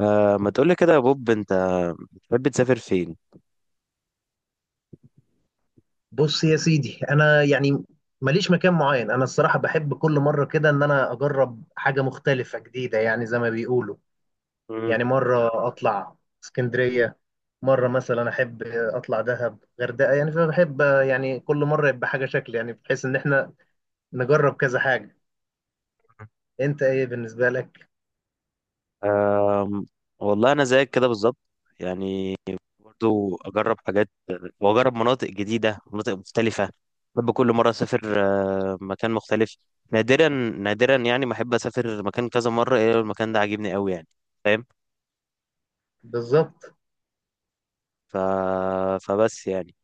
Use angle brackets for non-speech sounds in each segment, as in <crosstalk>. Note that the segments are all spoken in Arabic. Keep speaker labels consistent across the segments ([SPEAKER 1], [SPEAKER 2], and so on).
[SPEAKER 1] آه، ما تقولي كده يا بوب؟ انت بتحب تسافر فين؟
[SPEAKER 2] بص يا سيدي، انا يعني ماليش مكان معين. انا الصراحه بحب كل مره كده ان انا اجرب حاجه مختلفه جديده، يعني زي ما بيقولوا.
[SPEAKER 1] مم.
[SPEAKER 2] يعني مره اطلع اسكندريه، مره مثلا احب اطلع دهب غردقه، يعني فبحب يعني كل مره يبقى حاجه شكل، يعني بحيث ان احنا نجرب كذا حاجه. انت ايه بالنسبه لك؟
[SPEAKER 1] آه، والله انا زيك كده بالظبط، يعني برضو اجرب حاجات واجرب مناطق جديده، مناطق مختلفه. بحب كل مره اسافر مكان مختلف. نادرا نادرا يعني ما احب اسافر مكان كذا مره الا لو المكان ده عاجبني قوي، يعني فاهم.
[SPEAKER 2] بالظبط.
[SPEAKER 1] ف... فبس يعني،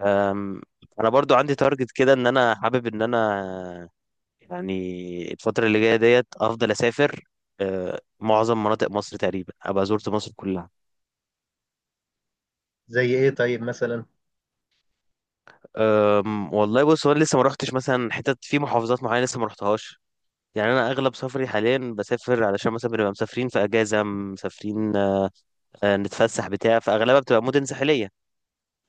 [SPEAKER 1] آم، انا برضو عندي تارجت كده ان انا حابب ان انا، يعني الفترة اللي جاية ديت أفضل أسافر. معظم مناطق مصر تقريبا أبقى زرت مصر كلها.
[SPEAKER 2] زي ايه طيب مثلا؟
[SPEAKER 1] والله بص هو أنا لسه ما رحتش مثلا حتت في محافظات معينة لسه ما رحتهاش. يعني أنا أغلب سفري حاليا بسافر علشان مثلا بنبقى مسافرين في أجازة مسافرين، نتفسح بتاع، فأغلبها بتبقى مدن ساحلية.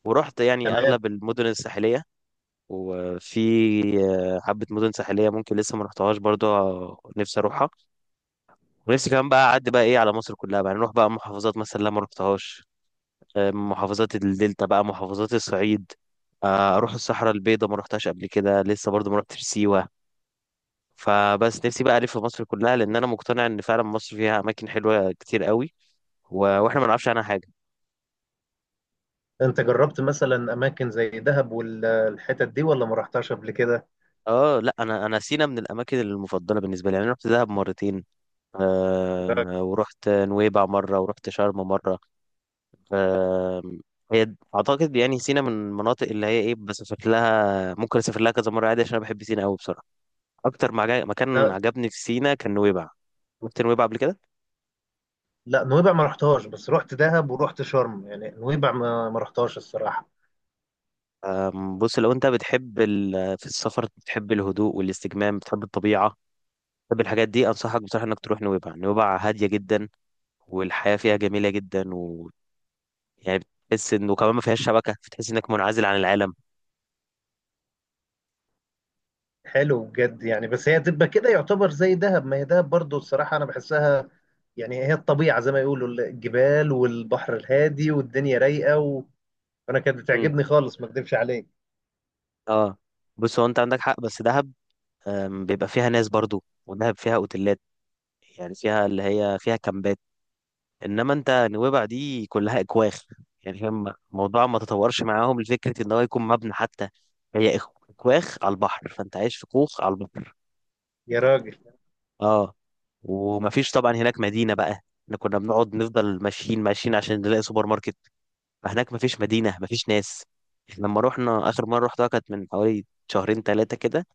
[SPEAKER 1] ورحت يعني
[SPEAKER 2] تمام.
[SPEAKER 1] أغلب المدن الساحلية وفي حبة مدن ساحلية ممكن لسه ما رحتهاش برضه، نفسي أروحها. ونفسي كمان بقى أعدي بقى إيه على مصر كلها بقى، يعني نروح بقى محافظات مثلا لا ما رحتهاش، محافظات الدلتا بقى محافظات الصعيد. اروح الصحراء البيضاء ما رحتهاش قبل كده، لسه برضو ما رحتش سيوة. فبس نفسي بقى الف مصر كلها لان انا مقتنع ان فعلا مصر فيها اماكن حلوة كتير قوي، واحنا ما نعرفش عنها حاجة.
[SPEAKER 2] انت جربت مثلا اماكن زي دهب والحتت دي ولا ما رحتهاش قبل كده؟
[SPEAKER 1] اه لا انا سينا من الاماكن المفضله بالنسبه لي، يعني انا رحت دهب مرتين، آه ورحت نويبع مره ورحت شرم مره. آه، هي اعتقد يعني سينا من المناطق اللي هي ايه بس شكلها ممكن اسافر لها كذا مره عادي عشان انا بحب سينا قوي بصراحه. اكتر مكان
[SPEAKER 2] ده.
[SPEAKER 1] عجبني في سينا كان نويبع. رحت نويبع قبل كده.
[SPEAKER 2] لا، نويبع ما رحتهاش، بس رحت دهب ورحت شرم، يعني نويبع ما رحتهاش الصراحة.
[SPEAKER 1] بص لو انت بتحب في السفر بتحب الهدوء والاستجمام، بتحب الطبيعة، بتحب الحاجات دي، انصحك بصراحة انك تروح نويبع. نويبع هادية جدا والحياة فيها جميلة جدا، و يعني بتحس انه كمان ما فيهاش شبكة، بتحس انك منعزل عن العالم.
[SPEAKER 2] حلو بجد يعني، بس هي تبقى كده يعتبر زي دهب، ما هي دهب برضو الصراحة أنا بحسها. يعني هي الطبيعة زي ما يقولوا، الجبال والبحر الهادي والدنيا رايقة، و... وأنا كانت
[SPEAKER 1] امم.
[SPEAKER 2] بتعجبني خالص ما أكدبش عليك.
[SPEAKER 1] اه بص هو انت عندك حق بس دهب، بيبقى فيها ناس برضو. ودهب فيها اوتيلات، يعني فيها اللي هي فيها كامبات، انما انت نويبع دي كلها اكواخ، يعني فاهم الموضوع ما تطورش معاهم لفكره ان هو يكون مبنى حتى. هي اكواخ على البحر، فانت عايش في كوخ على البحر.
[SPEAKER 2] يا راجل.
[SPEAKER 1] اه ومفيش طبعا هناك مدينه بقى، احنا كنا بنقعد نفضل ماشيين ماشيين عشان نلاقي سوبر ماركت. فهناك مفيش مدينه مفيش ناس. إحنا لما رحنا اخر مره رحتها كانت من حوالي شهرين ثلاثه كده،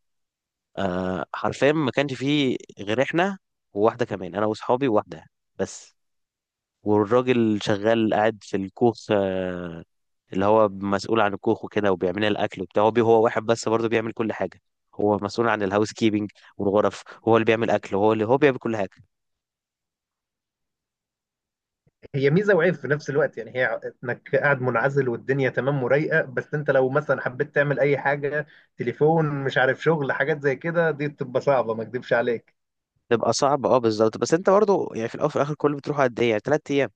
[SPEAKER 1] آه حرفيا ما كانش فيه غير احنا وواحده كمان، انا واصحابي وواحده بس. والراجل شغال قاعد في الكوخ، آه، اللي هو مسؤول عن الكوخ وكده وبيعمل لنا الاكل وبتاع. هو هو واحد بس برضه بيعمل كل حاجه، هو مسؤول عن الهاوس كيبنج والغرف، هو اللي بيعمل اكل، هو اللي هو بيعمل كل حاجه.
[SPEAKER 2] هي ميزة وعيب في نفس الوقت، يعني هي إنك قاعد منعزل والدنيا تمام ورايقة، بس أنت لو مثلا حبيت تعمل أي حاجة، تليفون مش عارف شغل، حاجات زي كده دي بتبقى صعبة ما أكدبش عليك.
[SPEAKER 1] تبقى صعب، اه بالظبط، بس انت برضه يعني في الاول وفي الاخر كله بتروح قد ايه يعني ثلاث ايام.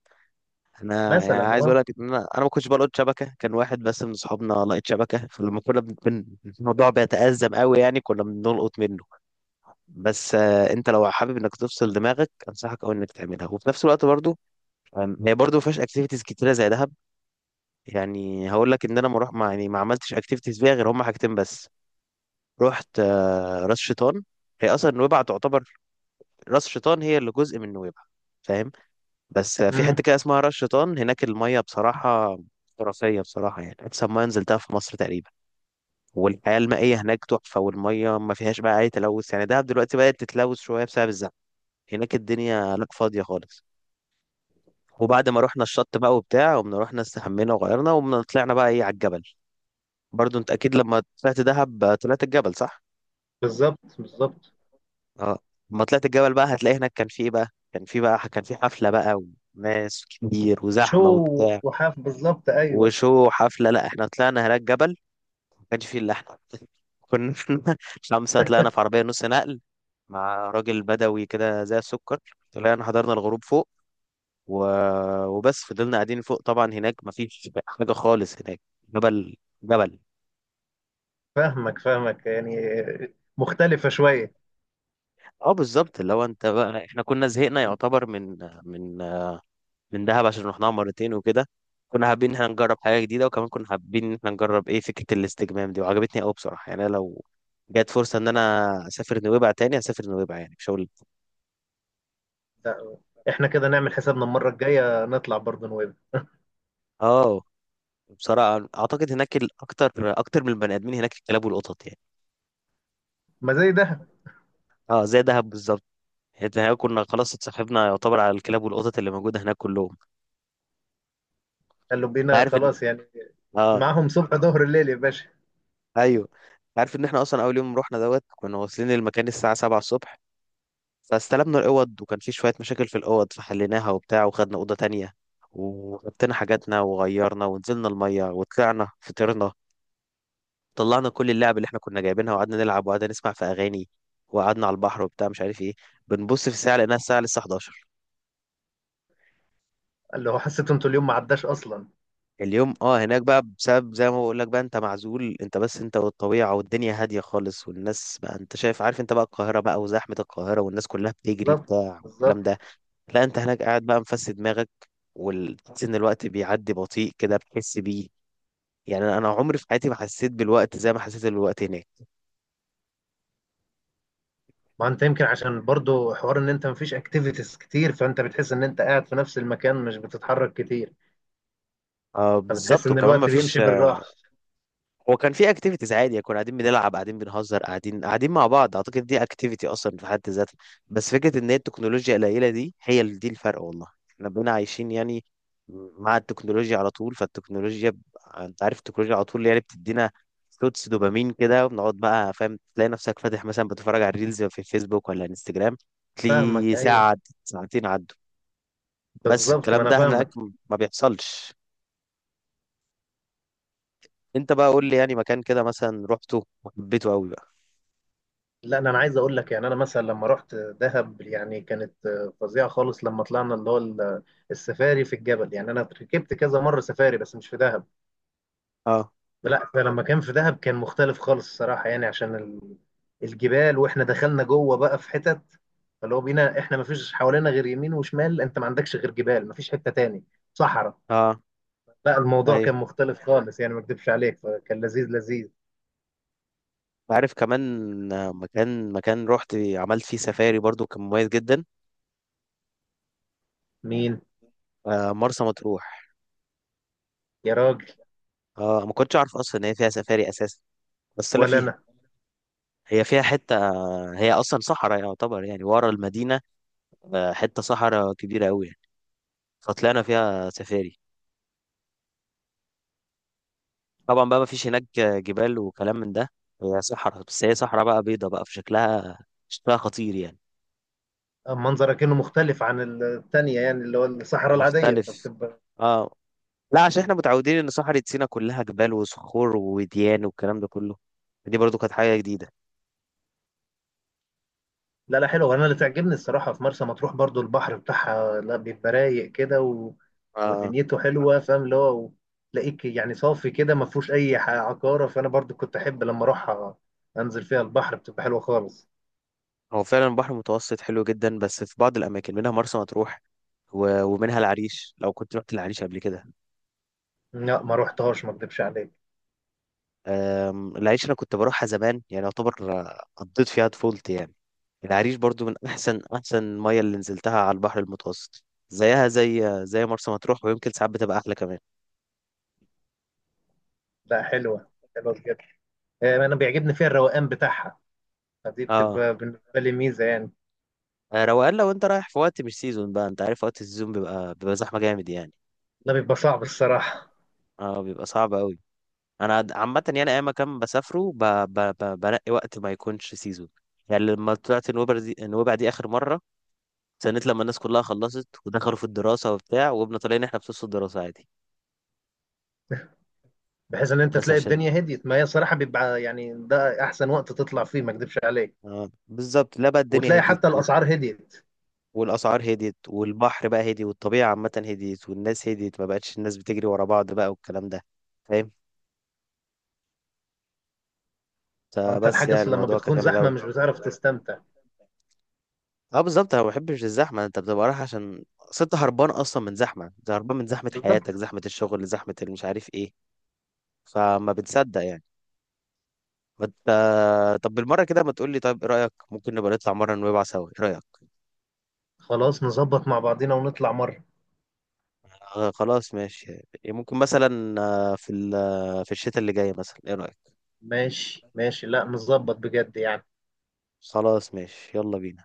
[SPEAKER 1] انا يعني
[SPEAKER 2] مثلا.
[SPEAKER 1] عايز اقول لك ان انا ما كنتش بلقط شبكه، كان واحد بس من اصحابنا لقيت شبكه، فلما كنا الموضوع بيتأزم قوي يعني كنا بنلقط منه بس. انت لو حابب انك تفصل دماغك انصحك قوي انك تعملها، وفي نفس الوقت برضه، هي برضو ما فيهاش اكتيفيتيز كتيره زي دهب، يعني هقول لك ان انا ما روح ما يعني ما عملتش اكتيفيتيز فيها غير هم حاجتين بس. رحت راس شيطان. هي اصلا نويبع تعتبر، راس شيطان هي اللي جزء من نويبع، فاهم؟ بس في
[SPEAKER 2] أه،
[SPEAKER 1] حته كده اسمها راس شيطان هناك الميه بصراحه خرافيه بصراحه، يعني احسن ميه نزلتها في مصر تقريبا. والحياه المائيه هناك تحفه، والميه ما فيهاش بقى اي تلوث. يعني دهب دلوقتي بدات تتلوث شويه بسبب الزحمه، هناك الدنيا لا فاضيه خالص. وبعد ما رحنا الشط بقى وبتاع، قمنا رحنا استحمينا وغيرنا، وقمنا طلعنا بقى ايه على الجبل. برضو انت اكيد لما طلعت دهب طلعت الجبل صح؟
[SPEAKER 2] بالظبط بالظبط.
[SPEAKER 1] اه لما طلعت الجبل بقى هتلاقي هناك كان في ايه بقى كان في بقى كان في حفلة بقى وناس كتير
[SPEAKER 2] شو.
[SPEAKER 1] وزحمة وبتاع.
[SPEAKER 2] وحاف بالظبط، ايوه.
[SPEAKER 1] وشو حفلة، لا احنا طلعنا هناك جبل ما كانش فيه الا احنا. <laughs> كنا <laughs> خمسة طلعنا في عربية نص نقل مع راجل بدوي كده زي السكر، طلعنا حضرنا الغروب فوق و... وبس فضلنا قاعدين فوق. طبعا هناك مفيش حاجة خالص هناك، جبل، جبل.
[SPEAKER 2] فاهمك فاهمك يعني. مختلفة شوية.
[SPEAKER 1] اه بالظبط، لو انت بقى احنا كنا زهقنا يعتبر من من من دهب عشان رحناها مرتين وكده، كنا حابين ان احنا نجرب حاجة جديدة، وكمان كنا حابين ان احنا نجرب ايه فكرة الاستجمام دي، وعجبتني قوي بصراحة، يعني أنا لو جت فرصة ان انا اسافر نويبع تاني اسافر نويبع يعني مش هقول.
[SPEAKER 2] لا. احنا كده نعمل حسابنا المرة الجاية نطلع برضه نويبع.
[SPEAKER 1] اه بصراحة اعتقد هناك الاكتر، اكتر من البني ادمين هناك الكلاب والقطط، يعني
[SPEAKER 2] ما زي ده.
[SPEAKER 1] اه زي دهب بالظبط. حته هناك كنا خلاص اتصاحبنا يعتبر على الكلاب والقطط اللي موجوده هناك كلهم.
[SPEAKER 2] قالوا
[SPEAKER 1] انت
[SPEAKER 2] بينا
[SPEAKER 1] عارف ان،
[SPEAKER 2] خلاص يعني.
[SPEAKER 1] اه،
[SPEAKER 2] معاهم صبح ظهر الليل يا باشا.
[SPEAKER 1] ايوه، انت عارف ان احنا اصلا اول يوم رحنا دوت كنا واصلين المكان الساعه 7 الصبح. فاستلمنا الاوض وكان في شويه مشاكل في الاوض، فحليناها وبتاع وخدنا اوضه تانية، وحطينا حاجاتنا وغيرنا ونزلنا الميه وطلعنا فطرنا، طلعنا كل اللعب اللي احنا كنا جايبينها، وقعدنا نلعب وقعدنا نسمع في اغاني وقعدنا على البحر وبتاع مش عارف ايه، بنبص في الساعه لقيناها الساعه لسه 11.
[SPEAKER 2] قال له حسيت انتوا اليوم ما عداش اصلا.
[SPEAKER 1] اليوم اه هناك بقى بسبب زي ما بقول لك بقى، انت معزول انت بس انت والطبيعة والدنيا هادية خالص، والناس بقى انت شايف عارف انت بقى القاهرة بقى وزحمة القاهرة والناس كلها بتجري
[SPEAKER 2] بالظبط
[SPEAKER 1] بتاع
[SPEAKER 2] بالظبط.
[SPEAKER 1] والكلام ده. لا انت هناك قاعد بقى مفسد دماغك، وتحس ان الوقت بيعدي بطيء كده بتحس بيه، يعني انا عمري في حياتي ما حسيت بالوقت زي ما حسيت بالوقت هناك.
[SPEAKER 2] ما انت يمكن عشان برضه حوار ان انت مفيش اكتيفيتيز كتير، فانت بتحس ان انت قاعد في نفس المكان مش بتتحرك كتير.
[SPEAKER 1] آه
[SPEAKER 2] فبتحس
[SPEAKER 1] بالظبط،
[SPEAKER 2] ان
[SPEAKER 1] وكمان
[SPEAKER 2] الوقت
[SPEAKER 1] مفيش،
[SPEAKER 2] بيمشي بالراحة.
[SPEAKER 1] هو كان في اكتيفيتيز عادي كنا قاعدين بنلعب قاعدين بنهزر قاعدين قاعدين مع بعض، اعتقد دي اكتيفيتي اصلا في حد ذاتها. بس فكره ان هي التكنولوجيا القليله دي هي اللي دي الفرق، والله احنا بقينا عايشين يعني مع التكنولوجيا على طول، فالتكنولوجيا انت عارف التكنولوجيا على طول يعني بتدينا شوتس دوبامين كده، وبنقعد بقى فاهم تلاقي نفسك فاتح مثلا بتتفرج على الريلز في فيسبوك ولا انستجرام،
[SPEAKER 2] فاهمك،
[SPEAKER 1] تلاقي
[SPEAKER 2] ايوه.
[SPEAKER 1] ساعه عدت، ساعتين عدوا، بس
[SPEAKER 2] بالظبط، ما
[SPEAKER 1] الكلام
[SPEAKER 2] انا
[SPEAKER 1] ده هناك
[SPEAKER 2] فاهمك.
[SPEAKER 1] ما بيحصلش. انت بقى قول لي يعني مكان كده مثلا رحته وحبيته قوي بقى.
[SPEAKER 2] لا، أنا عايز اقول لك، يعني انا مثلا لما رحت دهب يعني كانت فظيعه خالص، لما طلعنا اللي هو السفاري في الجبل، يعني انا ركبت كذا مره سفاري بس مش في دهب.
[SPEAKER 1] اه
[SPEAKER 2] لا، فلما كان في دهب كان مختلف خالص الصراحه، يعني عشان الجبال، واحنا دخلنا جوه بقى في حتت، فاللي هو بينا احنا ما فيش حوالينا غير يمين وشمال، انت ما عندكش غير جبال، ما فيش حته تاني، صحراء.
[SPEAKER 1] اه
[SPEAKER 2] لا الموضوع
[SPEAKER 1] ايوه
[SPEAKER 2] كان مختلف خالص يعني ما اكذبش عليك، فكان لذيذ لذيذ.
[SPEAKER 1] عارف كمان، مكان رحت عملت فيه سفاري برضو كان مميز جدا،
[SPEAKER 2] مين؟
[SPEAKER 1] مرسى مطروح.
[SPEAKER 2] يا راجل.
[SPEAKER 1] اه ما كنتش اعرف اصلا ان هي فيها سفاري اساسا، بس طلع فيها،
[SPEAKER 2] ولا.
[SPEAKER 1] هي فيها حته، هي اصلا صحراء يعتبر يعني ورا المدينه، حته صحراء كبيره قوي يعني. فطلعنا فيها سفاري، طبعا بقى ما فيش هناك جبال وكلام من ده، هي صحراء بس هي صحراء بقى بيضه بقى في شكلها، شكلها خطير يعني.
[SPEAKER 2] منظرك كأنه مختلف عن التانية، يعني اللي هو الصحراء العادية
[SPEAKER 1] مختلف،
[SPEAKER 2] فبتبقى.
[SPEAKER 1] اه لا عشان احنا متعودين ان صحراء سيناء كلها جبال وصخور وديان والكلام ده كله، دي برضو كانت حاجة جديدة.
[SPEAKER 2] لا لا حلو، انا اللي تعجبني الصراحة في مرسى مطروح برضو البحر بتاعها، لا بيبقى رايق كده و...
[SPEAKER 1] آه.
[SPEAKER 2] ودنيته حلوة، فاهم اللي هو تلاقيك يعني صافي كده ما فيهوش اي عقارة، فانا برضو كنت احب لما اروح انزل فيها البحر بتبقى حلوة خالص.
[SPEAKER 1] هو فعلا البحر المتوسط حلو جدا بس في بعض الأماكن منها مرسى مطروح ومنها العريش، لو كنت رحت العريش قبل كده.
[SPEAKER 2] لا ما روحتهاش ما اكدبش عليك.
[SPEAKER 1] العريش أنا كنت بروحها زمان يعني يعتبر، قضيت فيها طفولتي يعني، العريش برضو من أحسن أحسن مية اللي نزلتها على البحر المتوسط زيها زي زي مرسى مطروح، ويمكن ساعات بتبقى أحلى كمان.
[SPEAKER 2] لا حلوة. حلوة بجد. انا بيعجبني فيها الروقان بتاعها، فدي
[SPEAKER 1] اه
[SPEAKER 2] بتبقى بالنسبة لي ميزة يعني.
[SPEAKER 1] روقان، لو انت رايح في وقت مش سيزون بقى انت عارف وقت السيزون بيبقى زحمه جامد يعني.
[SPEAKER 2] ده بيبقى صعب الصراحة.
[SPEAKER 1] اه بيبقى صعب قوي، انا عامه يعني اي مكان بسافره بنقي وقت ما يكونش سيزون، يعني لما طلعت النوبة دي النوبة دي اخر مره استنيت لما الناس كلها خلصت ودخلوا في الدراسه وبتاع، وقمنا طالعين احنا في نص الدراسه عادي.
[SPEAKER 2] بحيث ان انت
[SPEAKER 1] بس
[SPEAKER 2] تلاقي
[SPEAKER 1] عشان،
[SPEAKER 2] الدنيا هديت، ما هي صراحه بيبقى يعني ده احسن وقت تطلع فيه ما اكدبش عليك.
[SPEAKER 1] اه بالظبط، لا بقى الدنيا
[SPEAKER 2] وتلاقي
[SPEAKER 1] هديت
[SPEAKER 2] حتى الاسعار هديت.
[SPEAKER 1] والاسعار هديت والبحر بقى هدي والطبيعه عامه هديت والناس هديت، ما بقتش الناس بتجري ورا بعض بقى والكلام ده، فاهم،
[SPEAKER 2] ما انت
[SPEAKER 1] فبس
[SPEAKER 2] الحاجه،
[SPEAKER 1] يعني
[SPEAKER 2] أصل لما
[SPEAKER 1] الموضوع كان
[SPEAKER 2] بتكون
[SPEAKER 1] جامد
[SPEAKER 2] زحمه
[SPEAKER 1] قوي.
[SPEAKER 2] مش بتعرف تستمتع.
[SPEAKER 1] اه بالظبط انا ما بحبش الزحمه، انت بتبقى رايح عشان ست هربان اصلا من زحمه، انت هربان من زحمه حياتك
[SPEAKER 2] بالضبط.
[SPEAKER 1] زحمه الشغل زحمه اللي مش عارف ايه، فما بتصدق يعني، ما انت، طب بالمره كده ما تقول لي طيب ايه رايك ممكن نبقى نطلع مره نويبع سوا، ايه رايك؟
[SPEAKER 2] خلاص نظبط مع بعضينا ونطلع مره.
[SPEAKER 1] آه خلاص ماشي. ممكن مثلا آه، في ال- آه، في الشتاء اللي جاي مثلا ايه رايك؟
[SPEAKER 2] ماشي ماشي، لا نظبط بجد يعني.
[SPEAKER 1] خلاص ماشي يلا بينا.